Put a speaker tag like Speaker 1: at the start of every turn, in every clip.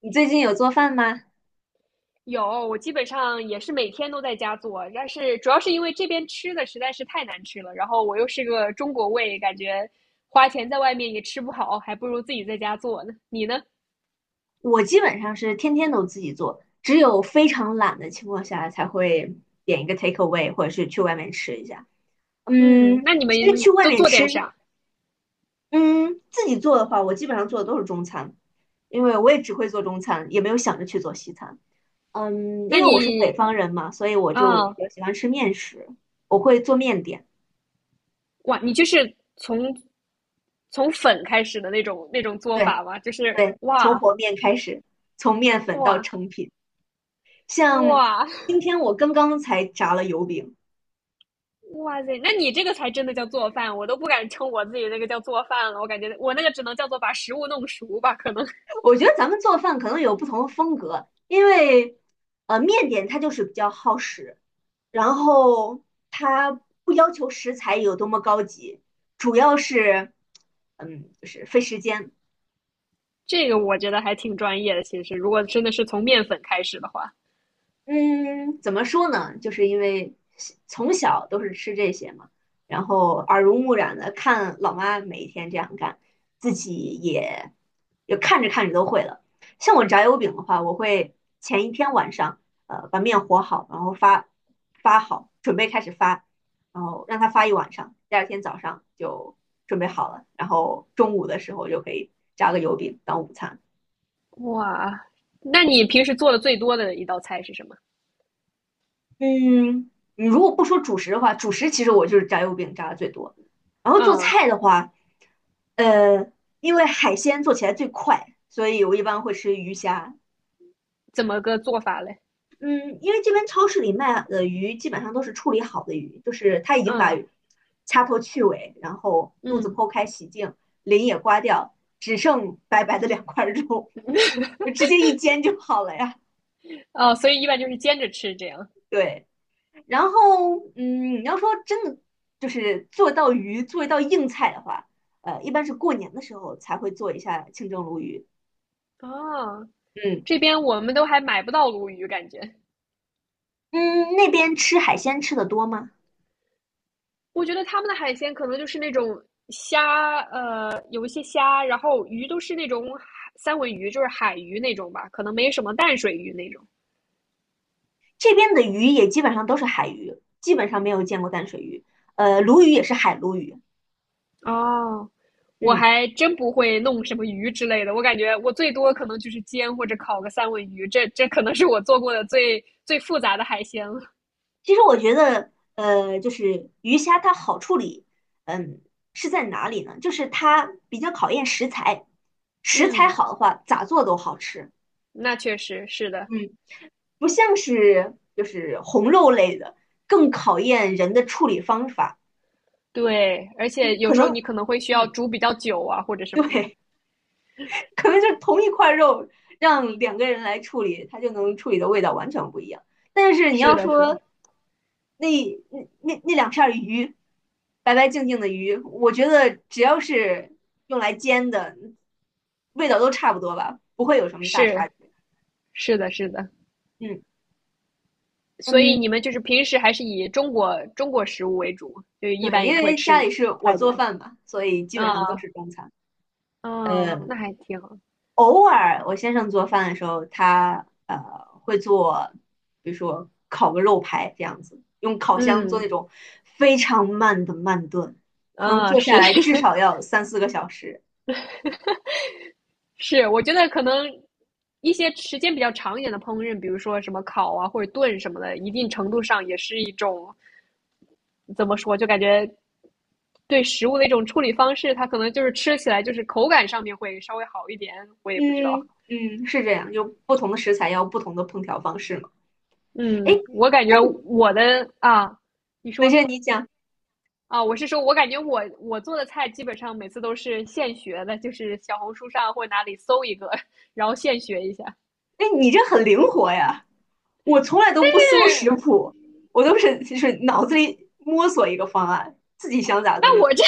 Speaker 1: 你最近有做饭吗？
Speaker 2: 有，我基本上也是每天都在家做，但是主要是因为这边吃的实在是太难吃了，然后我又是个中国胃，感觉花钱在外面也吃不好，还不如自己在家做呢。你呢？
Speaker 1: 我基本上是天天都自己做，只有非常懒的情况下才会点一个 take away，或者是去外面吃一下。
Speaker 2: 嗯，
Speaker 1: 嗯，
Speaker 2: 那你们
Speaker 1: 其实去外
Speaker 2: 都
Speaker 1: 面
Speaker 2: 做
Speaker 1: 吃，
Speaker 2: 点啥？
Speaker 1: 嗯，自己做的话，我基本上做的都是中餐，因为我也只会做中餐，也没有想着去做西餐。嗯，
Speaker 2: 那
Speaker 1: 因为我是北
Speaker 2: 你
Speaker 1: 方人嘛，所以我就
Speaker 2: 啊，
Speaker 1: 比较喜欢吃面食，我会做面点。
Speaker 2: 哇，你就是从粉开始的那种做
Speaker 1: 对
Speaker 2: 法吗？就是
Speaker 1: 对，从和面开始，从面粉到
Speaker 2: 哇
Speaker 1: 成品。像
Speaker 2: 哇
Speaker 1: 今天我刚刚才炸了油饼。
Speaker 2: 哇塞，那你这个才真的叫做饭，我都不敢称我自己那个叫做饭了，我感觉我那个只能叫做把食物弄熟吧，可能。
Speaker 1: 我觉得咱们做饭可能有不同的风格，因为面点它就是比较耗时，然后它不要求食材有多么高级，主要是就是费时间。
Speaker 2: 这个我觉得还挺专业的。其实，如果真的是从面粉开始的话，
Speaker 1: 嗯，怎么说呢？就是因为从小都是吃这些嘛，然后耳濡目染的看老妈每一天这样干，自己也看着看着都会了。像我炸油饼的话，我会前一天晚上，把面和好，然后发好，准备开始发，然后让它发一晚上，第二天早上就准备好了，然后中午的时候就可以炸个油饼当午餐。
Speaker 2: 哇，那你平时做的最多的一道菜是什么？
Speaker 1: 嗯，你如果不说主食的话，主食其实我就是炸油饼炸的最多。然后做
Speaker 2: 嗯，
Speaker 1: 菜的话，呃，因为海鲜做起来最快，所以我一般会吃鱼虾。
Speaker 2: 怎么个做法嘞？
Speaker 1: 嗯，因为这边超市里卖的鱼基本上都是处理好的鱼，就是他已经把
Speaker 2: 嗯
Speaker 1: 掐头去尾，然后肚子
Speaker 2: 嗯，
Speaker 1: 剖开洗净，鳞也刮掉，只剩白白的两块肉，直接一煎就好了呀。
Speaker 2: 哦，所以一般就是煎着吃这样。
Speaker 1: 对。然后，嗯，你要说真的，就是做一道鱼，做一道硬菜的话，一般是过年的时候才会做一下清蒸鲈鱼。
Speaker 2: 哦，
Speaker 1: 嗯
Speaker 2: 这边我们都还买不到鲈鱼，感觉。
Speaker 1: 嗯，那边吃海鲜吃的多吗？
Speaker 2: 我觉得他们的海鲜可能就是那种虾，有一些虾，然后鱼都是那种三文鱼，就是海鱼那种吧，可能没什么淡水鱼那种。
Speaker 1: 这边的鱼也基本上都是海鱼，基本上没有见过淡水鱼。呃，鲈鱼也是海鲈鱼。
Speaker 2: 哦，我
Speaker 1: 嗯，
Speaker 2: 还真不会弄什么鱼之类的，我感觉我最多可能就是煎或者烤个三文鱼，这可能是我做过的最最复杂的海鲜了。
Speaker 1: 其实我觉得，就是鱼虾它好处理，嗯，是在哪里呢？就是它比较考验食材，食材
Speaker 2: 嗯，
Speaker 1: 好的话，咋做都好吃。
Speaker 2: 那确实是的，
Speaker 1: 嗯。不像是就是红肉类的，更考验人的处理方法。
Speaker 2: 对，而
Speaker 1: 就
Speaker 2: 且有
Speaker 1: 可
Speaker 2: 时候
Speaker 1: 能，
Speaker 2: 你可能会需要
Speaker 1: 嗯，
Speaker 2: 煮比较久啊，或者 什么的。
Speaker 1: 对，可能就是同一块肉，让两个人来处理，它就能处理的味道完全不一样。但是你
Speaker 2: 是
Speaker 1: 要
Speaker 2: 的，是的，
Speaker 1: 说那那两片鱼，白白净净的鱼，我觉得只要是用来煎的，味道都差不多吧，不会有什么大差
Speaker 2: 是
Speaker 1: 别。
Speaker 2: 是的，是的。
Speaker 1: 嗯
Speaker 2: 所以你
Speaker 1: 嗯，
Speaker 2: 们就是平时还是以中国食物为主，就一
Speaker 1: 对，
Speaker 2: 般也
Speaker 1: 因
Speaker 2: 不会
Speaker 1: 为家
Speaker 2: 吃
Speaker 1: 里是我
Speaker 2: 太
Speaker 1: 做
Speaker 2: 多。
Speaker 1: 饭嘛，所以基本
Speaker 2: 啊，
Speaker 1: 上都是中餐。
Speaker 2: 嗯，啊，
Speaker 1: 呃。
Speaker 2: 那还挺好。
Speaker 1: 偶尔我先生做饭的时候，他会做，比如说烤个肉排这样子，用烤箱做
Speaker 2: 嗯
Speaker 1: 那种非常慢的慢炖，可能
Speaker 2: 啊，
Speaker 1: 做下
Speaker 2: 是
Speaker 1: 来至少要三四个小时。
Speaker 2: 是，我觉得可能一些时间比较长一点的烹饪，比如说什么烤啊或者炖什么的，一定程度上也是一种怎么说，就感觉对食物的一种处理方式，它可能就是吃起来就是口感上面会稍微好一点，我也不知道。
Speaker 1: 嗯嗯，是这样，就不同的食材要不同的烹调方式嘛。
Speaker 2: 嗯，
Speaker 1: 哎，
Speaker 2: 我感觉我的啊，你
Speaker 1: 那
Speaker 2: 说
Speaker 1: 现在你讲，
Speaker 2: 啊，我是说我感觉我做的菜基本上每次都是现学的，就是小红书上或者哪里搜一个，然后现学一下。
Speaker 1: 哎，你这很灵活呀！我从来都不搜食谱，我都是就是脑子里摸索一个方案，自己想咋做
Speaker 2: 那
Speaker 1: 就
Speaker 2: 我
Speaker 1: 咋
Speaker 2: 这，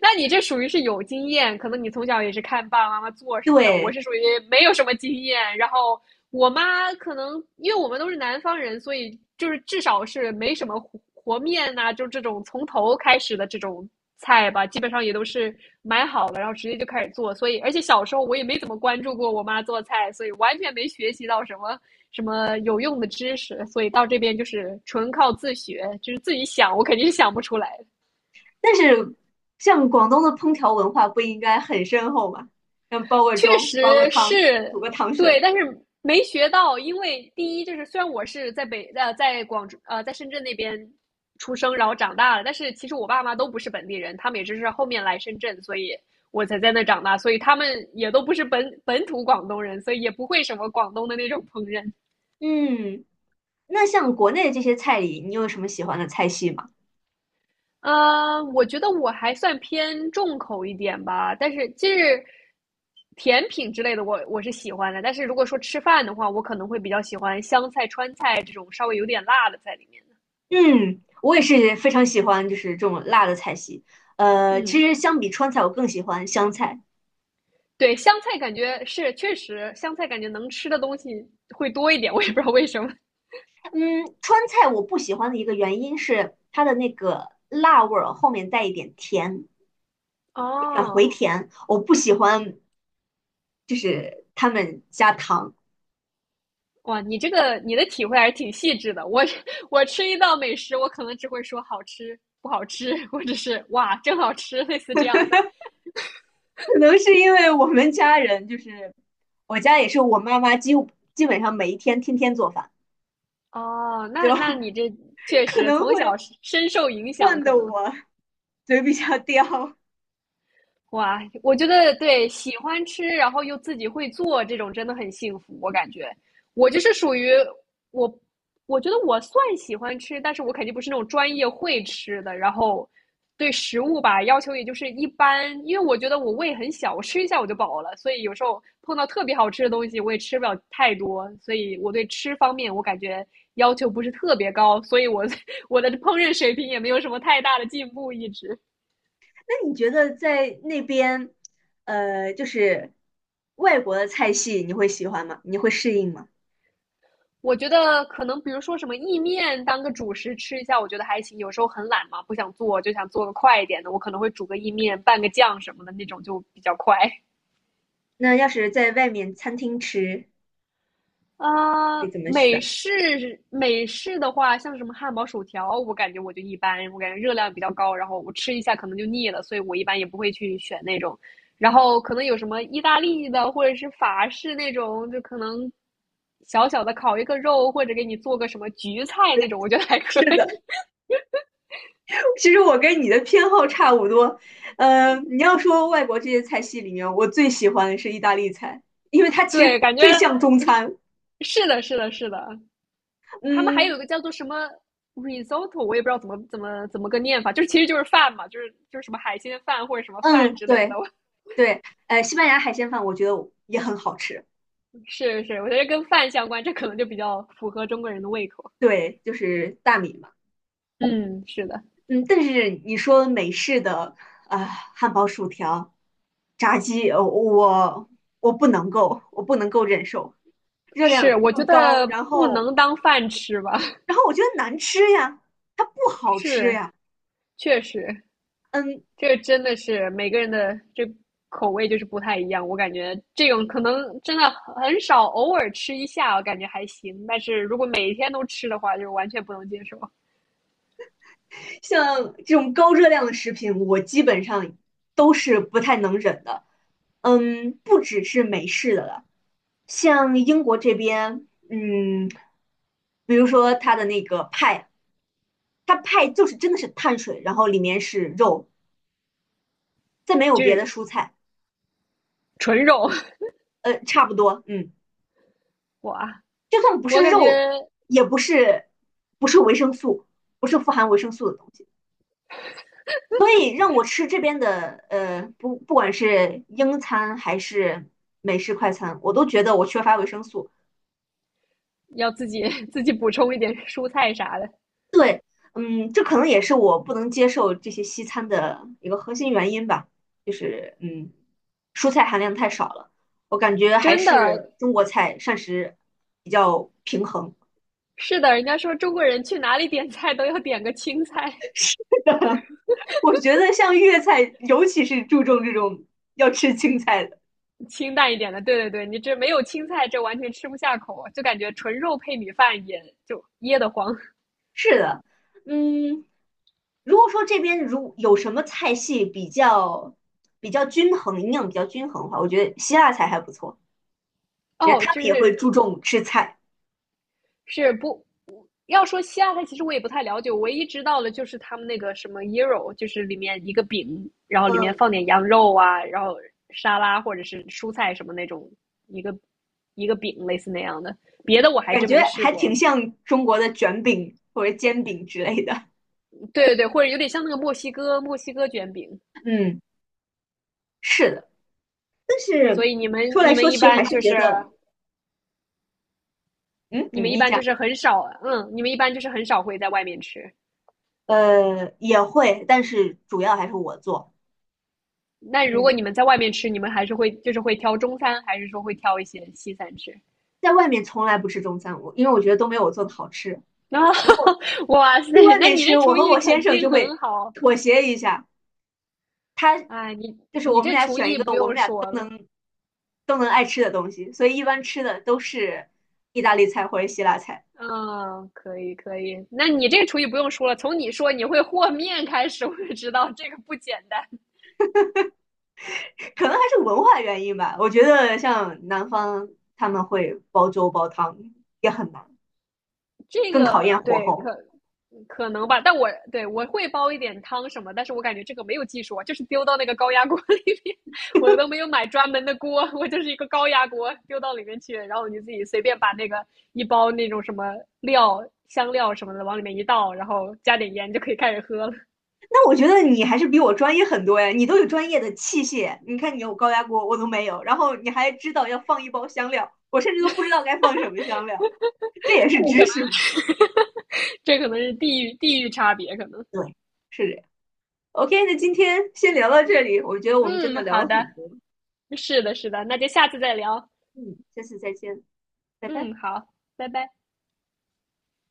Speaker 2: 那你这属于是有经验，可能你从小也是看爸爸妈妈做什
Speaker 1: 做。
Speaker 2: 么的。我
Speaker 1: 对，
Speaker 2: 是属于没有什么经验，然后我妈可能因为我们都是南方人，所以就是至少是没什么和面呐，啊就这种从头开始的这种菜吧，基本上也都是买好了，然后直接就开始做。所以，而且小时候我也没怎么关注过我妈做菜，所以完全没学习到什么什么有用的知识。所以到这边就是纯靠自学，就是自己想，我肯定是想不出来。
Speaker 1: 但是像广东的烹调文化不应该很深厚吗？像煲个
Speaker 2: 确
Speaker 1: 粥，煲个
Speaker 2: 实
Speaker 1: 汤，
Speaker 2: 是
Speaker 1: 煮个糖
Speaker 2: 对，
Speaker 1: 水。
Speaker 2: 但是没学到，因为第一就是虽然我是在广州呃在深圳那边出生，然后长大了，但是其实我爸妈都不是本地人，他们也只是后面来深圳，所以我才在那长大，所以他们也都不是本土广东人，所以也不会什么广东的那种烹饪。
Speaker 1: 嗯，那像国内的这些菜里，你有什么喜欢的菜系吗？
Speaker 2: 呃，我觉得我还算偏重口一点吧，但是就是甜品之类的我，我是喜欢的。但是如果说吃饭的话，我可能会比较喜欢湘菜、川菜这种稍微有点辣的在里面的。
Speaker 1: 嗯，我也是非常喜欢，就是这种辣的菜系。其
Speaker 2: 嗯，
Speaker 1: 实相比川菜，我更喜欢湘菜。
Speaker 2: 对，湘菜感觉能吃的东西会多一点，我也不知道为什么。
Speaker 1: 嗯，川菜我不喜欢的一个原因是它的那个辣味儿后面带一点甜，
Speaker 2: 哦，
Speaker 1: 我不喜欢他们加糖。
Speaker 2: 哇，你这个你的体会还是挺细致的。我吃一道美食，我可能只会说好吃、不好吃，或者是哇，真好吃，类似这样的。
Speaker 1: 可能是因为我们家人就是我家也是我妈妈几乎基本上每一天天天做饭，
Speaker 2: 哦，
Speaker 1: 就
Speaker 2: 那你 这确
Speaker 1: 可
Speaker 2: 实
Speaker 1: 能
Speaker 2: 从小
Speaker 1: 会
Speaker 2: 是深受影响，
Speaker 1: 换
Speaker 2: 可
Speaker 1: 得
Speaker 2: 能。
Speaker 1: 我嘴比较刁。
Speaker 2: 哇，我觉得对，喜欢吃，然后又自己会做，这种真的很幸福，我感觉。我就是属于我，我觉得我算喜欢吃，但是我肯定不是那种专业会吃的。然后对食物吧，要求也就是一般，因为我觉得我胃很小，我吃一下我就饱了，所以有时候碰到特别好吃的东西，我也吃不了太多。所以我对吃方面，我感觉要求不是特别高，所以我 我的烹饪水平也没有什么太大的进步，一直。
Speaker 1: 那你觉得在那边，就是外国的菜系你会喜欢吗？你会适应吗？
Speaker 2: 我觉得可能比如说什么意面当个主食吃一下，我觉得还行。有时候很懒嘛，不想做，就想做个快一点的，我可能会煮个意面，拌个酱什么的那种就比较快。
Speaker 1: 那要是在外面餐厅吃，
Speaker 2: 啊，
Speaker 1: 会怎么
Speaker 2: 美
Speaker 1: 选？
Speaker 2: 式美式的话，像什么汉堡、薯条，我感觉我就一般，我感觉热量比较高，然后我吃一下可能就腻了，所以我一般也不会去选那种。然后可能有什么意大利的或者是法式那种，就可能小小的烤一个肉，或者给你做个什么焗菜那种，我觉得还可
Speaker 1: 是的，
Speaker 2: 以。
Speaker 1: 其实我跟你的偏好差不多，你要说外国这些菜系里面，我最喜欢的是意大利菜，因为它其实
Speaker 2: 对，感觉
Speaker 1: 最像中餐。
Speaker 2: 是的，是的，是的。他们还
Speaker 1: 嗯
Speaker 2: 有一个叫做什么 risotto,我也不知道怎么个念法，就是其实就是饭嘛，就是什么海鲜饭或者什么饭
Speaker 1: 嗯，
Speaker 2: 之类的。
Speaker 1: 对对，西班牙海鲜饭我觉得也很好吃，
Speaker 2: 是是，我觉得跟饭相关，这可能就比较符合中国人的胃口。
Speaker 1: 对，就是大米嘛。
Speaker 2: 嗯，是的，
Speaker 1: 嗯，但是你说美式的啊、汉堡、薯条、炸鸡，我不能够，我不能够忍受，热量
Speaker 2: 是，我
Speaker 1: 又
Speaker 2: 觉
Speaker 1: 高，
Speaker 2: 得
Speaker 1: 然
Speaker 2: 不
Speaker 1: 后
Speaker 2: 能当饭吃吧，
Speaker 1: 然后我觉得难吃呀，它不 好吃
Speaker 2: 是，
Speaker 1: 呀。
Speaker 2: 确实。
Speaker 1: 嗯，
Speaker 2: 这个真的是每个人的这口味就是不太一样，我感觉这种可能真的很少，偶尔吃一下我感觉还行，但是如果每天都吃的话，就完全不能接受，
Speaker 1: 像这种高热量的食品，我基本上都是不太能忍的。嗯，不只是美式的了，像英国这边，嗯，比如说它的那个派，它派就是真的是碳水，然后里面是肉，再没有
Speaker 2: 就
Speaker 1: 别的
Speaker 2: 是
Speaker 1: 蔬菜，
Speaker 2: 纯肉。
Speaker 1: 呃，差不多，嗯，
Speaker 2: 哇，
Speaker 1: 就算不
Speaker 2: 我
Speaker 1: 是
Speaker 2: 感觉
Speaker 1: 肉，也不是维生素，不是富含维生素的东西。所以让我吃这边的，呃，不，不管是英餐还是美式快餐，我都觉得我缺乏维生素。
Speaker 2: 要自己补充一点蔬菜啥的，
Speaker 1: 嗯，这可能也是我不能接受这些西餐的一个核心原因吧，就是嗯，蔬菜含量太少了。我感觉还
Speaker 2: 真的
Speaker 1: 是中国菜膳食比较平衡。
Speaker 2: 是的，人家说中国人去哪里点菜都要点个青菜，
Speaker 1: 我觉得像粤菜，尤其是注重这种要吃青菜的。
Speaker 2: 清淡一点的。对对对，你这没有青菜，这完全吃不下口，就感觉纯肉配米饭也就噎得慌。
Speaker 1: 是的，嗯，如果说这边如有什么菜系比较均衡，营养比较均衡的话，我觉得希腊菜还不错，也
Speaker 2: 哦，
Speaker 1: 他们
Speaker 2: 就
Speaker 1: 也会注
Speaker 2: 是
Speaker 1: 重吃菜，
Speaker 2: 是不要说西亚菜，其实我也不太了解，我唯一知道的就是他们那个什么 gyro,就是里面一个饼，然后里面
Speaker 1: 嗯，
Speaker 2: 放点羊肉啊，然后沙拉或者是蔬菜什么那种一个一个饼类似那样的，别的我还
Speaker 1: 感
Speaker 2: 真
Speaker 1: 觉
Speaker 2: 没试
Speaker 1: 还
Speaker 2: 过。
Speaker 1: 挺像中国的卷饼或者煎饼之类的，
Speaker 2: 对对对，或者有点像那个墨西哥卷饼。
Speaker 1: 嗯，是的，但
Speaker 2: 所
Speaker 1: 是
Speaker 2: 以你们
Speaker 1: 说来
Speaker 2: 你
Speaker 1: 说
Speaker 2: 们一
Speaker 1: 去还
Speaker 2: 般
Speaker 1: 是
Speaker 2: 就
Speaker 1: 觉
Speaker 2: 是
Speaker 1: 得，嗯，
Speaker 2: 你
Speaker 1: 你
Speaker 2: 们一
Speaker 1: 你
Speaker 2: 般
Speaker 1: 讲，
Speaker 2: 就是很少，嗯，你们一般就是很少会在外面吃。
Speaker 1: 也会，但是主要还是我做，
Speaker 2: 那如
Speaker 1: 嗯，
Speaker 2: 果你们在外面吃，你们还是会就是会挑中餐，还是说会挑一些西餐吃？
Speaker 1: 在外面从来不吃中餐，我因为我觉得都没有我做的好吃。
Speaker 2: 然后，哇塞，
Speaker 1: 去外
Speaker 2: 那
Speaker 1: 面
Speaker 2: 你
Speaker 1: 吃，
Speaker 2: 这
Speaker 1: 我
Speaker 2: 厨
Speaker 1: 和
Speaker 2: 艺
Speaker 1: 我先
Speaker 2: 肯
Speaker 1: 生就
Speaker 2: 定
Speaker 1: 会
Speaker 2: 很好。
Speaker 1: 妥协一下，他
Speaker 2: 哎，你
Speaker 1: 就是我
Speaker 2: 你
Speaker 1: 们
Speaker 2: 这
Speaker 1: 俩
Speaker 2: 厨艺不用说了，
Speaker 1: 都能爱吃的东西，所以一般吃的都是意大利菜或者希腊菜，
Speaker 2: 嗯，可以可以。那你这厨艺不用说了，从你说你会和面开始，我就知道这个不简单。
Speaker 1: 可能还是文化原因吧。我觉得像南方他们会煲粥煲汤也很难，
Speaker 2: 这
Speaker 1: 更
Speaker 2: 个
Speaker 1: 考验火
Speaker 2: 对，可
Speaker 1: 候。
Speaker 2: 可能吧，但我会煲一点汤什么，但是我感觉这个没有技术啊，就是丢到那个高压锅 里面，我都没有买专门的锅，我就是一个高压锅丢到里面去，然后你自己随便把那个一包那种什么料、香料什么的往里面一倒，然后加点盐就可以开始喝了。
Speaker 1: 那我觉得你还是比我专业很多呀，你都有专业的器械，你看你有高压锅，我都没有，然后你还知道要放一包香料，我甚至都不知道该放什么香料，这也是
Speaker 2: 这可
Speaker 1: 知识
Speaker 2: 能
Speaker 1: 嘛？
Speaker 2: 这可能是地域差别，可能。
Speaker 1: 对，是这样。OK，那今天先聊到这里，我觉得我们真
Speaker 2: 嗯，
Speaker 1: 的聊
Speaker 2: 好
Speaker 1: 了
Speaker 2: 的，
Speaker 1: 很多，
Speaker 2: 是的，是的，那就下次再聊。
Speaker 1: 嗯，下次再见，拜拜。
Speaker 2: 嗯，好，拜拜。